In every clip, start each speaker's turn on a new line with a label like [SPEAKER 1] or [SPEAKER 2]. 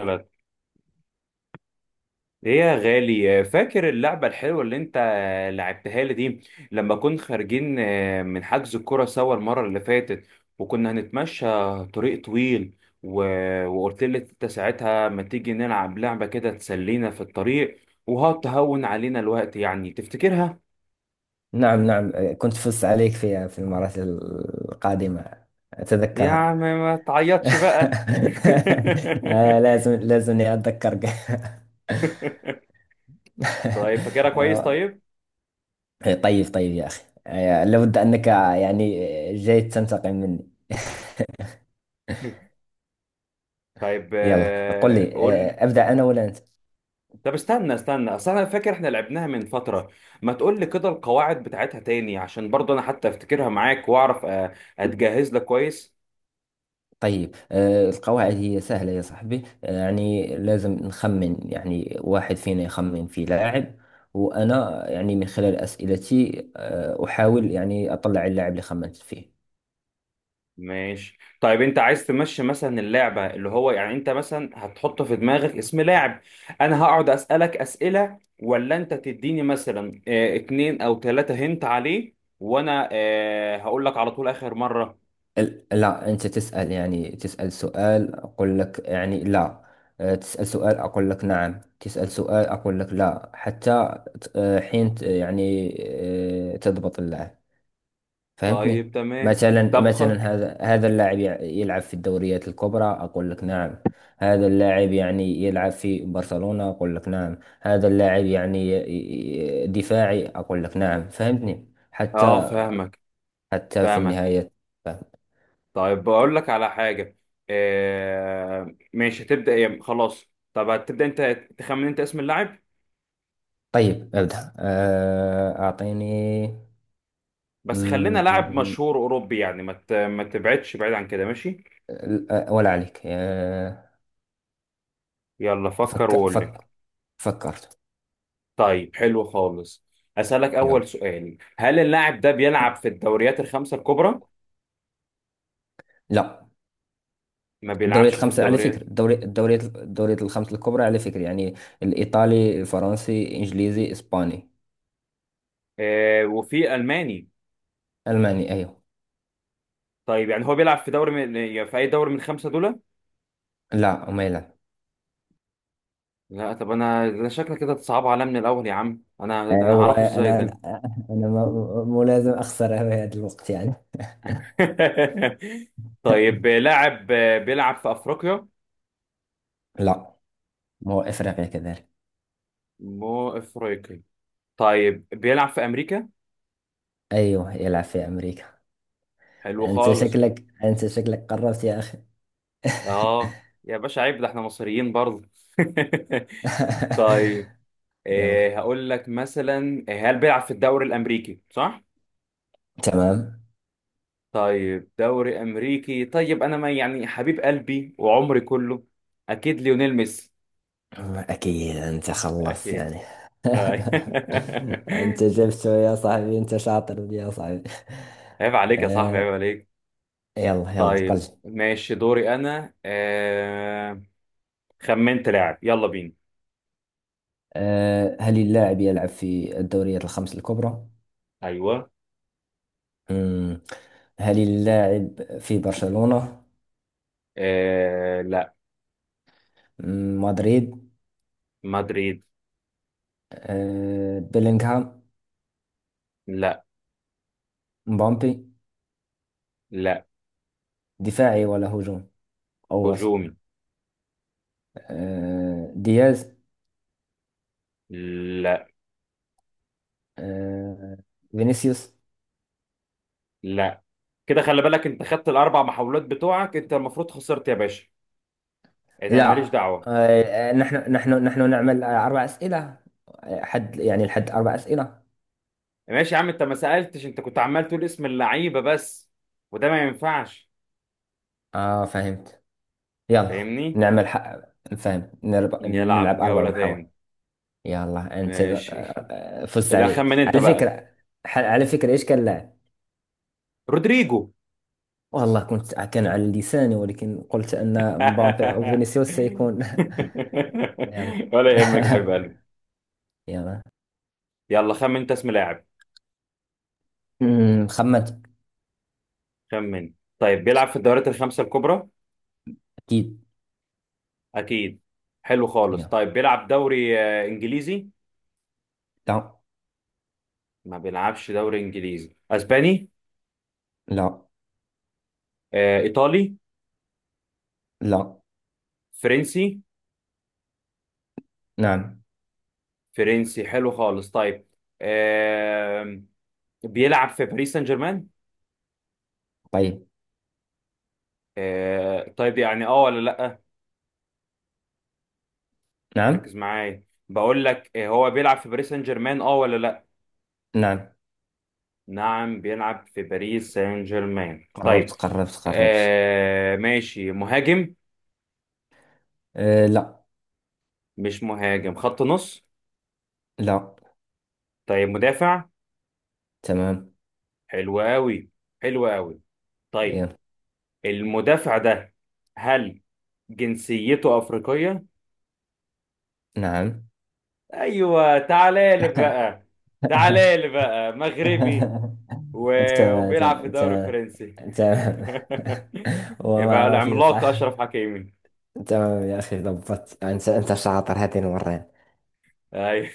[SPEAKER 1] غلط. ايه يا غالي، فاكر اللعبة الحلوة اللي انت لعبتها لي دي لما كنا خارجين من حجز الكرة سوا المرة اللي فاتت، وكنا هنتمشى طريق طويل و... وقلت لي انت ساعتها ما تيجي نلعب لعبة كده تسلينا في الطريق وهتهون علينا الوقت، يعني تفتكرها؟
[SPEAKER 2] نعم نعم، كنت فزت عليك فيها في المرات القادمة.
[SPEAKER 1] يا
[SPEAKER 2] أتذكرها.
[SPEAKER 1] عم ما تعيطش بقى.
[SPEAKER 2] لازمني أتذكرك.
[SPEAKER 1] طيب، فاكرها كويس
[SPEAKER 2] آه،
[SPEAKER 1] طيب؟
[SPEAKER 2] طيب يا أخي، لابد أنك يعني جاي تنتقم مني.
[SPEAKER 1] طيب
[SPEAKER 2] يلا، قل لي،
[SPEAKER 1] قول.
[SPEAKER 2] أبدأ أنا ولا أنت؟
[SPEAKER 1] طب استنى اصل انا فاكر احنا لعبناها من فترة، ما تقول لي كده القواعد بتاعتها تاني عشان برضه انا حتى افتكرها معاك واعرف اتجهز لك كويس.
[SPEAKER 2] طيب، القواعد هي سهلة يا صاحبي، يعني لازم نخمن، يعني واحد فينا يخمن في لاعب، وأنا يعني من خلال أسئلتي أحاول يعني أطلع اللاعب اللي خمنت فيه.
[SPEAKER 1] ماشي طيب، انت عايز تمشي مثلا اللعبة، اللي هو يعني انت مثلا هتحط في دماغك اسم لاعب، انا هقعد اسألك اسئلة، ولا انت تديني مثلا اتنين او تلاتة هنت عليه وانا هقول لك على طول اخر مرة.
[SPEAKER 2] لا، أنت تسأل، يعني تسأل سؤال أقول لك يعني لا، تسأل سؤال أقول لك نعم، تسأل سؤال أقول لك لا، حتى حين يعني تضبط اللاعب.
[SPEAKER 1] طيب
[SPEAKER 2] فهمتني؟
[SPEAKER 1] تمام.
[SPEAKER 2] مثلا
[SPEAKER 1] طب
[SPEAKER 2] مثلا
[SPEAKER 1] خ-
[SPEAKER 2] هذا اللاعب يلعب في الدوريات الكبرى، اقول لك نعم. هذا اللاعب يعني يلعب في برشلونة، اقول لك نعم. هذا اللاعب يعني دفاعي، اقول لك نعم. فهمتني حتى
[SPEAKER 1] اه فاهمك،
[SPEAKER 2] حتى في
[SPEAKER 1] فاهمك.
[SPEAKER 2] النهاية. فهم.
[SPEAKER 1] طيب بقول لك على حاجة. آه ماشي، هتبدأ يعني خلاص. طب هتبدأ انت، تخمن انت اسم اللاعب.
[SPEAKER 2] طيب ابدأ، اعطيني.
[SPEAKER 1] بس خلينا لاعب
[SPEAKER 2] مم،
[SPEAKER 1] مشهور أوروبي يعني ما تبعدش بعيد عن كده، ماشي.
[SPEAKER 2] ولا عليك.
[SPEAKER 1] يلا فكر
[SPEAKER 2] فك
[SPEAKER 1] وقول لي.
[SPEAKER 2] فك فكرت.
[SPEAKER 1] طيب حلو خالص. أسألك أول
[SPEAKER 2] يلا.
[SPEAKER 1] سؤال، هل اللاعب ده بيلعب في الدوريات الخمسة الكبرى؟
[SPEAKER 2] لا.
[SPEAKER 1] ما
[SPEAKER 2] الدوريات
[SPEAKER 1] بيلعبش في
[SPEAKER 2] الخمسة على فكرة،
[SPEAKER 1] الدوريات؟
[SPEAKER 2] الدوريات الخمسة الكبرى على فكرة، يعني الإيطالي، الفرنسي، إنجليزي، إسباني.
[SPEAKER 1] آه وفي ألماني.
[SPEAKER 2] ألماني أيوه.
[SPEAKER 1] طيب يعني هو بيلعب في دوري من، يعني في أي دوري من الخمسة دول؟
[SPEAKER 2] لا ما يلعب.
[SPEAKER 1] لا؟ طب أنا ده شكلك كده تصعب عليا من الأول يا عم، أنا ده أنا
[SPEAKER 2] هو
[SPEAKER 1] هعرفه إزاي
[SPEAKER 2] انا
[SPEAKER 1] ده.
[SPEAKER 2] انا ملازم اخسر في هذا الوقت يعني.
[SPEAKER 1] طيب لاعب بيلعب في افريقيا؟
[SPEAKER 2] لا، هو إفريقيا كذلك.
[SPEAKER 1] مو افريقي. طيب بيلعب في امريكا.
[SPEAKER 2] ايوه يلعب في امريكا.
[SPEAKER 1] حلو خالص.
[SPEAKER 2] انت شكلك قربت يا اخي.
[SPEAKER 1] اه يا باشا عيب، ده احنا مصريين برضه. طيب، إيه
[SPEAKER 2] يلا.
[SPEAKER 1] هقول لك مثلا، هل بيلعب في الدوري الامريكي، صح؟
[SPEAKER 2] تمام.
[SPEAKER 1] طيب دوري امريكي، طيب انا ما يعني حبيب قلبي وعمري كله، اكيد ليونيل ميسي.
[SPEAKER 2] أكيد أنت خلصت
[SPEAKER 1] اكيد.
[SPEAKER 2] يعني.
[SPEAKER 1] طيب.
[SPEAKER 2] أنت جبته يا صاحبي، أنت شاطر يا صاحبي.
[SPEAKER 1] عيب عليك يا صاحبي،
[SPEAKER 2] آه.
[SPEAKER 1] عيب.
[SPEAKER 2] يلا يلا،
[SPEAKER 1] طيب
[SPEAKER 2] قل.
[SPEAKER 1] ماشي دوري انا خمنت لاعب، يلا بينا.
[SPEAKER 2] هل اللاعب يلعب في الدوريات الخمس الكبرى؟
[SPEAKER 1] ايوه.
[SPEAKER 2] مم. هل اللاعب في برشلونة؟
[SPEAKER 1] لا.
[SPEAKER 2] مدريد؟
[SPEAKER 1] مدريد.
[SPEAKER 2] آه، بيلينغهام؟
[SPEAKER 1] لا.
[SPEAKER 2] مبابي؟
[SPEAKER 1] لا.
[SPEAKER 2] دفاعي ولا هجوم؟ أو وسط؟
[SPEAKER 1] هجومي.
[SPEAKER 2] آه، دياز؟
[SPEAKER 1] لا.
[SPEAKER 2] آه، فينيسيوس؟
[SPEAKER 1] لا. كده خلي بالك، انت خدت الاربع محاولات بتوعك، انت المفروض خسرت يا باشا، انت ماليش
[SPEAKER 2] لا.
[SPEAKER 1] دعوه.
[SPEAKER 2] نحن نعمل أربع أسئلة، حد يعني الحد أربع أسئلة.
[SPEAKER 1] ماشي يا عم، انت ما سالتش، انت كنت عمال تقول اسم اللعيبه بس، وده ما ينفعش.
[SPEAKER 2] آه فهمت. يلا
[SPEAKER 1] فاهمني.
[SPEAKER 2] نعمل فهمت.
[SPEAKER 1] نلعب
[SPEAKER 2] نلعب أربع
[SPEAKER 1] جوله تاني.
[SPEAKER 2] محاولات. يلا، أنت
[SPEAKER 1] ماشي.
[SPEAKER 2] فزت
[SPEAKER 1] لا،
[SPEAKER 2] علي
[SPEAKER 1] خمن انت
[SPEAKER 2] على
[SPEAKER 1] بقى.
[SPEAKER 2] فكرة. على فكرة إيش كان اللاعب؟
[SPEAKER 1] رودريجو.
[SPEAKER 2] والله كنت، كان على لساني، ولكن قلت أن مبابي أو فينيسيوس سيكون. يلا.
[SPEAKER 1] ولا يهمك يا حبيب قلبي.
[SPEAKER 2] يلا.
[SPEAKER 1] يلا خمن انت اسم لاعب.
[SPEAKER 2] خمنت.
[SPEAKER 1] خمن. طيب، بيلعب في الدوريات الخمسة الكبرى؟
[SPEAKER 2] أكيد.
[SPEAKER 1] اكيد. حلو خالص.
[SPEAKER 2] يلا.
[SPEAKER 1] طيب بيلعب دوري انجليزي؟
[SPEAKER 2] لا.
[SPEAKER 1] ما بيلعبش دوري انجليزي. اسباني؟
[SPEAKER 2] لا.
[SPEAKER 1] ايطالي؟
[SPEAKER 2] لا.
[SPEAKER 1] فرنسي؟
[SPEAKER 2] نعم.
[SPEAKER 1] فرنسي، حلو خالص. طيب آه، بيلعب في باريس سان جيرمان.
[SPEAKER 2] طيب.
[SPEAKER 1] طيب يعني اه ولا لا؟
[SPEAKER 2] نعم.
[SPEAKER 1] ركز معايا. بقول لك هو بيلعب في باريس سان جيرمان، اه ولا لا؟
[SPEAKER 2] نعم.
[SPEAKER 1] نعم، بيلعب في باريس سان جيرمان.
[SPEAKER 2] قربت
[SPEAKER 1] طيب
[SPEAKER 2] قربت قربت.
[SPEAKER 1] آه ماشي، مهاجم؟
[SPEAKER 2] أه لا.
[SPEAKER 1] مش مهاجم، خط نص؟
[SPEAKER 2] لا.
[SPEAKER 1] طيب مدافع؟
[SPEAKER 2] تمام.
[SPEAKER 1] حلو قوي. حلو قوي. طيب
[SPEAKER 2] يلا.
[SPEAKER 1] المدافع ده، هل جنسيته أفريقية؟
[SPEAKER 2] نعم.
[SPEAKER 1] ايوه، تعالى لي بقى. تعالى لي بقى، مغربي،
[SPEAKER 2] تمام
[SPEAKER 1] وبيلعب في
[SPEAKER 2] تمام
[SPEAKER 1] الدوري
[SPEAKER 2] تمام.
[SPEAKER 1] الفرنسي.
[SPEAKER 2] تمام. هو
[SPEAKER 1] يبقى
[SPEAKER 2] معروف
[SPEAKER 1] العملاق
[SPEAKER 2] صح؟
[SPEAKER 1] أشرف حكيمي.
[SPEAKER 2] تمام يا أخي، ضبطت، أنت أنت شاطر هذه المرة.
[SPEAKER 1] أيوة.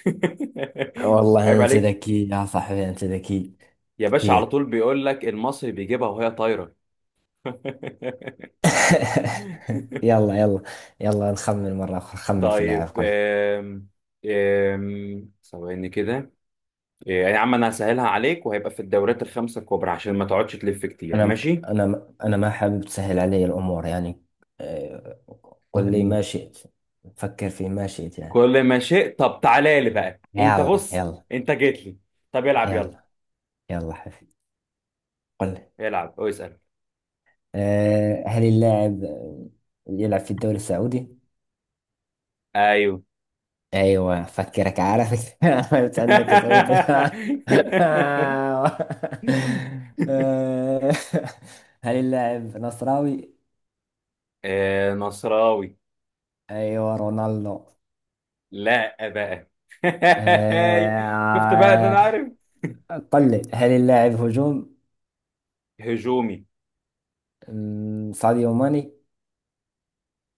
[SPEAKER 1] عيب
[SPEAKER 2] والله أنت
[SPEAKER 1] عليك.
[SPEAKER 2] ذكي يا صاحبي، أنت ذكي.
[SPEAKER 1] يا باشا على
[SPEAKER 2] كثير.
[SPEAKER 1] طول بيقول لك المصري بيجيبها وهي طايرة.
[SPEAKER 2] يلا يلا. يلا نخمن مرة أخرى. خمن في لاعب،
[SPEAKER 1] طيب
[SPEAKER 2] قل.
[SPEAKER 1] آم، آم، ثواني كده. يا عم انا هسهلها عليك وهيبقى في الدورات الخمسة الكبرى عشان ما تقعدش تلف كتير،
[SPEAKER 2] أنا
[SPEAKER 1] ماشي.
[SPEAKER 2] أنا أنا ما حابب تسهل علي الأمور يعني. آه، قل لي
[SPEAKER 1] مم.
[SPEAKER 2] ما شئت. فكر في ما شئت يعني.
[SPEAKER 1] كل ما شئت. طب تعالى لي بقى انت،
[SPEAKER 2] يلا
[SPEAKER 1] بص
[SPEAKER 2] يلا.
[SPEAKER 1] انت جيت لي. طب العب يلا.
[SPEAKER 2] يلا يلا حبيبي، قل لي.
[SPEAKER 1] العب اسأل.
[SPEAKER 2] هل اللاعب يلعب في الدوري السعودي؟
[SPEAKER 1] ايوه.
[SPEAKER 2] ايوه، فكرك عارفك. عرفت أنك سويت. آه، هل اللاعب نصراوي؟
[SPEAKER 1] نصراوي.
[SPEAKER 2] أيوة، رونالدو.
[SPEAKER 1] لا بقى. شفت بقى ان
[SPEAKER 2] آه،
[SPEAKER 1] انا عارف.
[SPEAKER 2] قل لي، هل اللاعب هجوم؟
[SPEAKER 1] هجومي.
[SPEAKER 2] ساديو ماني.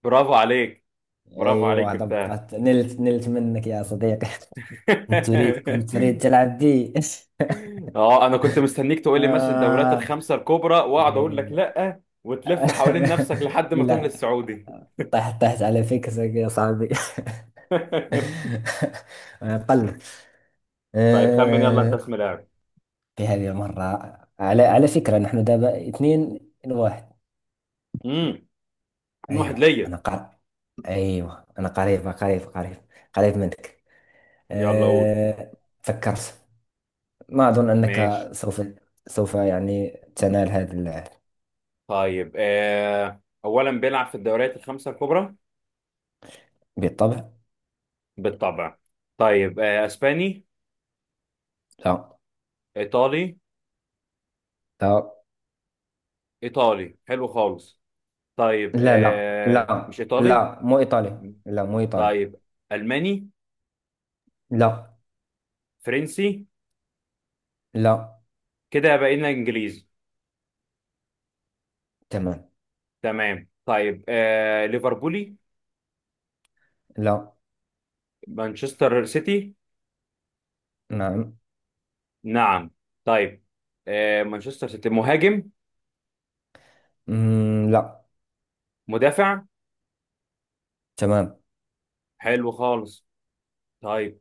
[SPEAKER 1] برافو عليك. برافو عليك،
[SPEAKER 2] ايوه
[SPEAKER 1] جبتها.
[SPEAKER 2] ضبطت، نلت منك يا صديقي. كنت تريد، تلعب بي.
[SPEAKER 1] اه انا كنت مستنيك تقول لي مثلا الدوريات
[SPEAKER 2] آه.
[SPEAKER 1] الخمسه الكبرى واقعد اقول لك
[SPEAKER 2] إيه.
[SPEAKER 1] لا، وتلف حوالين نفسك لحد ما تروح
[SPEAKER 2] لا،
[SPEAKER 1] للسعودي.
[SPEAKER 2] طحت على فكرك يا صاحبي. أنا قلب.
[SPEAKER 1] طيب خمن يلا انت
[SPEAKER 2] آه.
[SPEAKER 1] اسم لاعب.
[SPEAKER 2] في هذه المرة على فكرة نحن دابا اثنين لواحد.
[SPEAKER 1] امم، اتنين واحد
[SPEAKER 2] ايوه انا
[SPEAKER 1] ليا.
[SPEAKER 2] ايوه انا قريب قريب قريب، قريب منك.
[SPEAKER 1] يلا قول.
[SPEAKER 2] آه. فكرت. ما أظن أنك
[SPEAKER 1] ماشي.
[SPEAKER 2] سوف يعني تنال هذا
[SPEAKER 1] طيب آه اولا، بيلعب في الدوريات الخمسه الكبرى؟
[SPEAKER 2] بالطبع.
[SPEAKER 1] بالطبع. طيب آه اسباني؟
[SPEAKER 2] لا
[SPEAKER 1] ايطالي؟
[SPEAKER 2] لا
[SPEAKER 1] ايطالي حلو خالص. طيب
[SPEAKER 2] لا لا،
[SPEAKER 1] آه
[SPEAKER 2] لا
[SPEAKER 1] مش ايطالي.
[SPEAKER 2] لا مو إيطالي، لا مو إيطالي.
[SPEAKER 1] طيب ألماني؟
[SPEAKER 2] لا.
[SPEAKER 1] فرنسي؟
[SPEAKER 2] لا.
[SPEAKER 1] كده بقينا إنجليزي.
[SPEAKER 2] تمام.
[SPEAKER 1] تمام. طيب آه ليفربولي؟
[SPEAKER 2] لا.
[SPEAKER 1] مانشستر سيتي؟
[SPEAKER 2] نعم.
[SPEAKER 1] نعم. طيب آه مانشستر سيتي، مهاجم؟
[SPEAKER 2] لا.
[SPEAKER 1] مدافع؟
[SPEAKER 2] تمام.
[SPEAKER 1] حلو خالص. طيب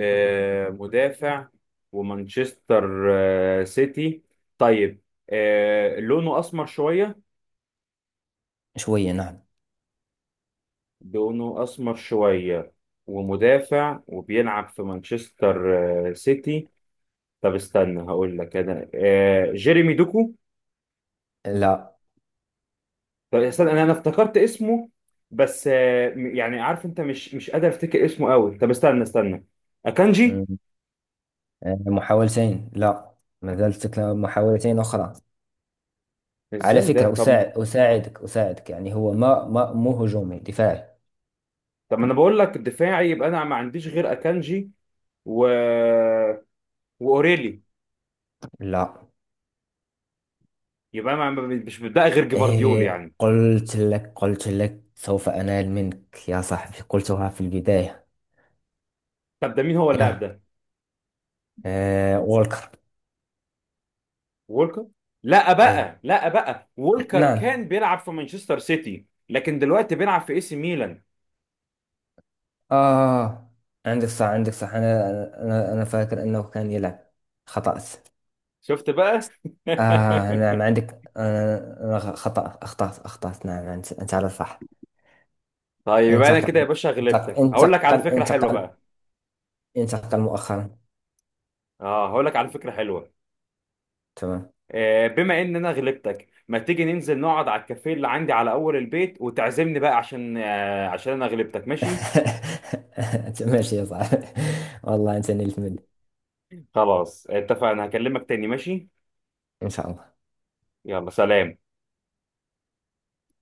[SPEAKER 1] آه مدافع، ومانشستر آه سيتي. طيب آه لونه أسمر شوية؟
[SPEAKER 2] شوية نعم.
[SPEAKER 1] لونه أسمر شوية، ومدافع، وبيلعب في مانشستر آه سيتي. طب استنى، هقول لك انا آه جيريمي دوكو.
[SPEAKER 2] لا.
[SPEAKER 1] طب استنى، انا افتكرت اسمه بس يعني عارف انت مش قادر افتكر اسمه قوي. طب استنى اكانجي.
[SPEAKER 2] مم، محاولتين لا، ما زالت لك محاولتين أخرى. على
[SPEAKER 1] ازاي ده؟
[SPEAKER 2] فكرة
[SPEAKER 1] طب ما
[SPEAKER 2] أساعدك أساعدك يعني، هو ما ما مو هجومي، دفاعي.
[SPEAKER 1] طب ما انا بقول لك دفاعي، يبقى انا ما عنديش غير اكانجي و واوريلي.
[SPEAKER 2] لا.
[SPEAKER 1] يبقى انا ما- مش بتبقى غير جيفارديول
[SPEAKER 2] إيه،
[SPEAKER 1] يعني.
[SPEAKER 2] قلت لك سوف أنال منك يا صاحبي، قلتها في البداية.
[SPEAKER 1] طب ده مين هو اللاعب
[SPEAKER 2] يلا.
[SPEAKER 1] ده؟
[SPEAKER 2] إيه، وولكر.
[SPEAKER 1] وولكر. لا
[SPEAKER 2] أيوه.
[SPEAKER 1] بقى، لا بقى، وولكر
[SPEAKER 2] نعم.
[SPEAKER 1] كان بيلعب في مانشستر سيتي لكن دلوقتي بيلعب في اي سي ميلان.
[SPEAKER 2] آه، عندك صح، عندك صح. أنا فاكر أنه كان يلعب. خطأت.
[SPEAKER 1] شفت بقى.
[SPEAKER 2] آه نعم عندك، أنا أنا خطأ أخطأت أخطأت، نعم أنت، أنت على الصح.
[SPEAKER 1] طيب يبقى انا كده يا
[SPEAKER 2] انتقل
[SPEAKER 1] باشا
[SPEAKER 2] انتقل
[SPEAKER 1] غلبتك، هقول لك على
[SPEAKER 2] انتقل
[SPEAKER 1] فكره حلوه
[SPEAKER 2] انتقل
[SPEAKER 1] بقى.
[SPEAKER 2] انتقل مؤخرا.
[SPEAKER 1] اه هقول لك على فكره حلوه.
[SPEAKER 2] تمام.
[SPEAKER 1] آه بما ان انا غلبتك، ما تيجي ننزل نقعد على الكافيه اللي عندي على اول البيت وتعزمني بقى عشان آه عشان انا غلبتك، ماشي.
[SPEAKER 2] ماشي يا صاحبي، والله أنت نلت مني.
[SPEAKER 1] خلاص اتفقنا، هكلمك تاني، ماشي.
[SPEAKER 2] إن شاء الله.
[SPEAKER 1] يلا سلام.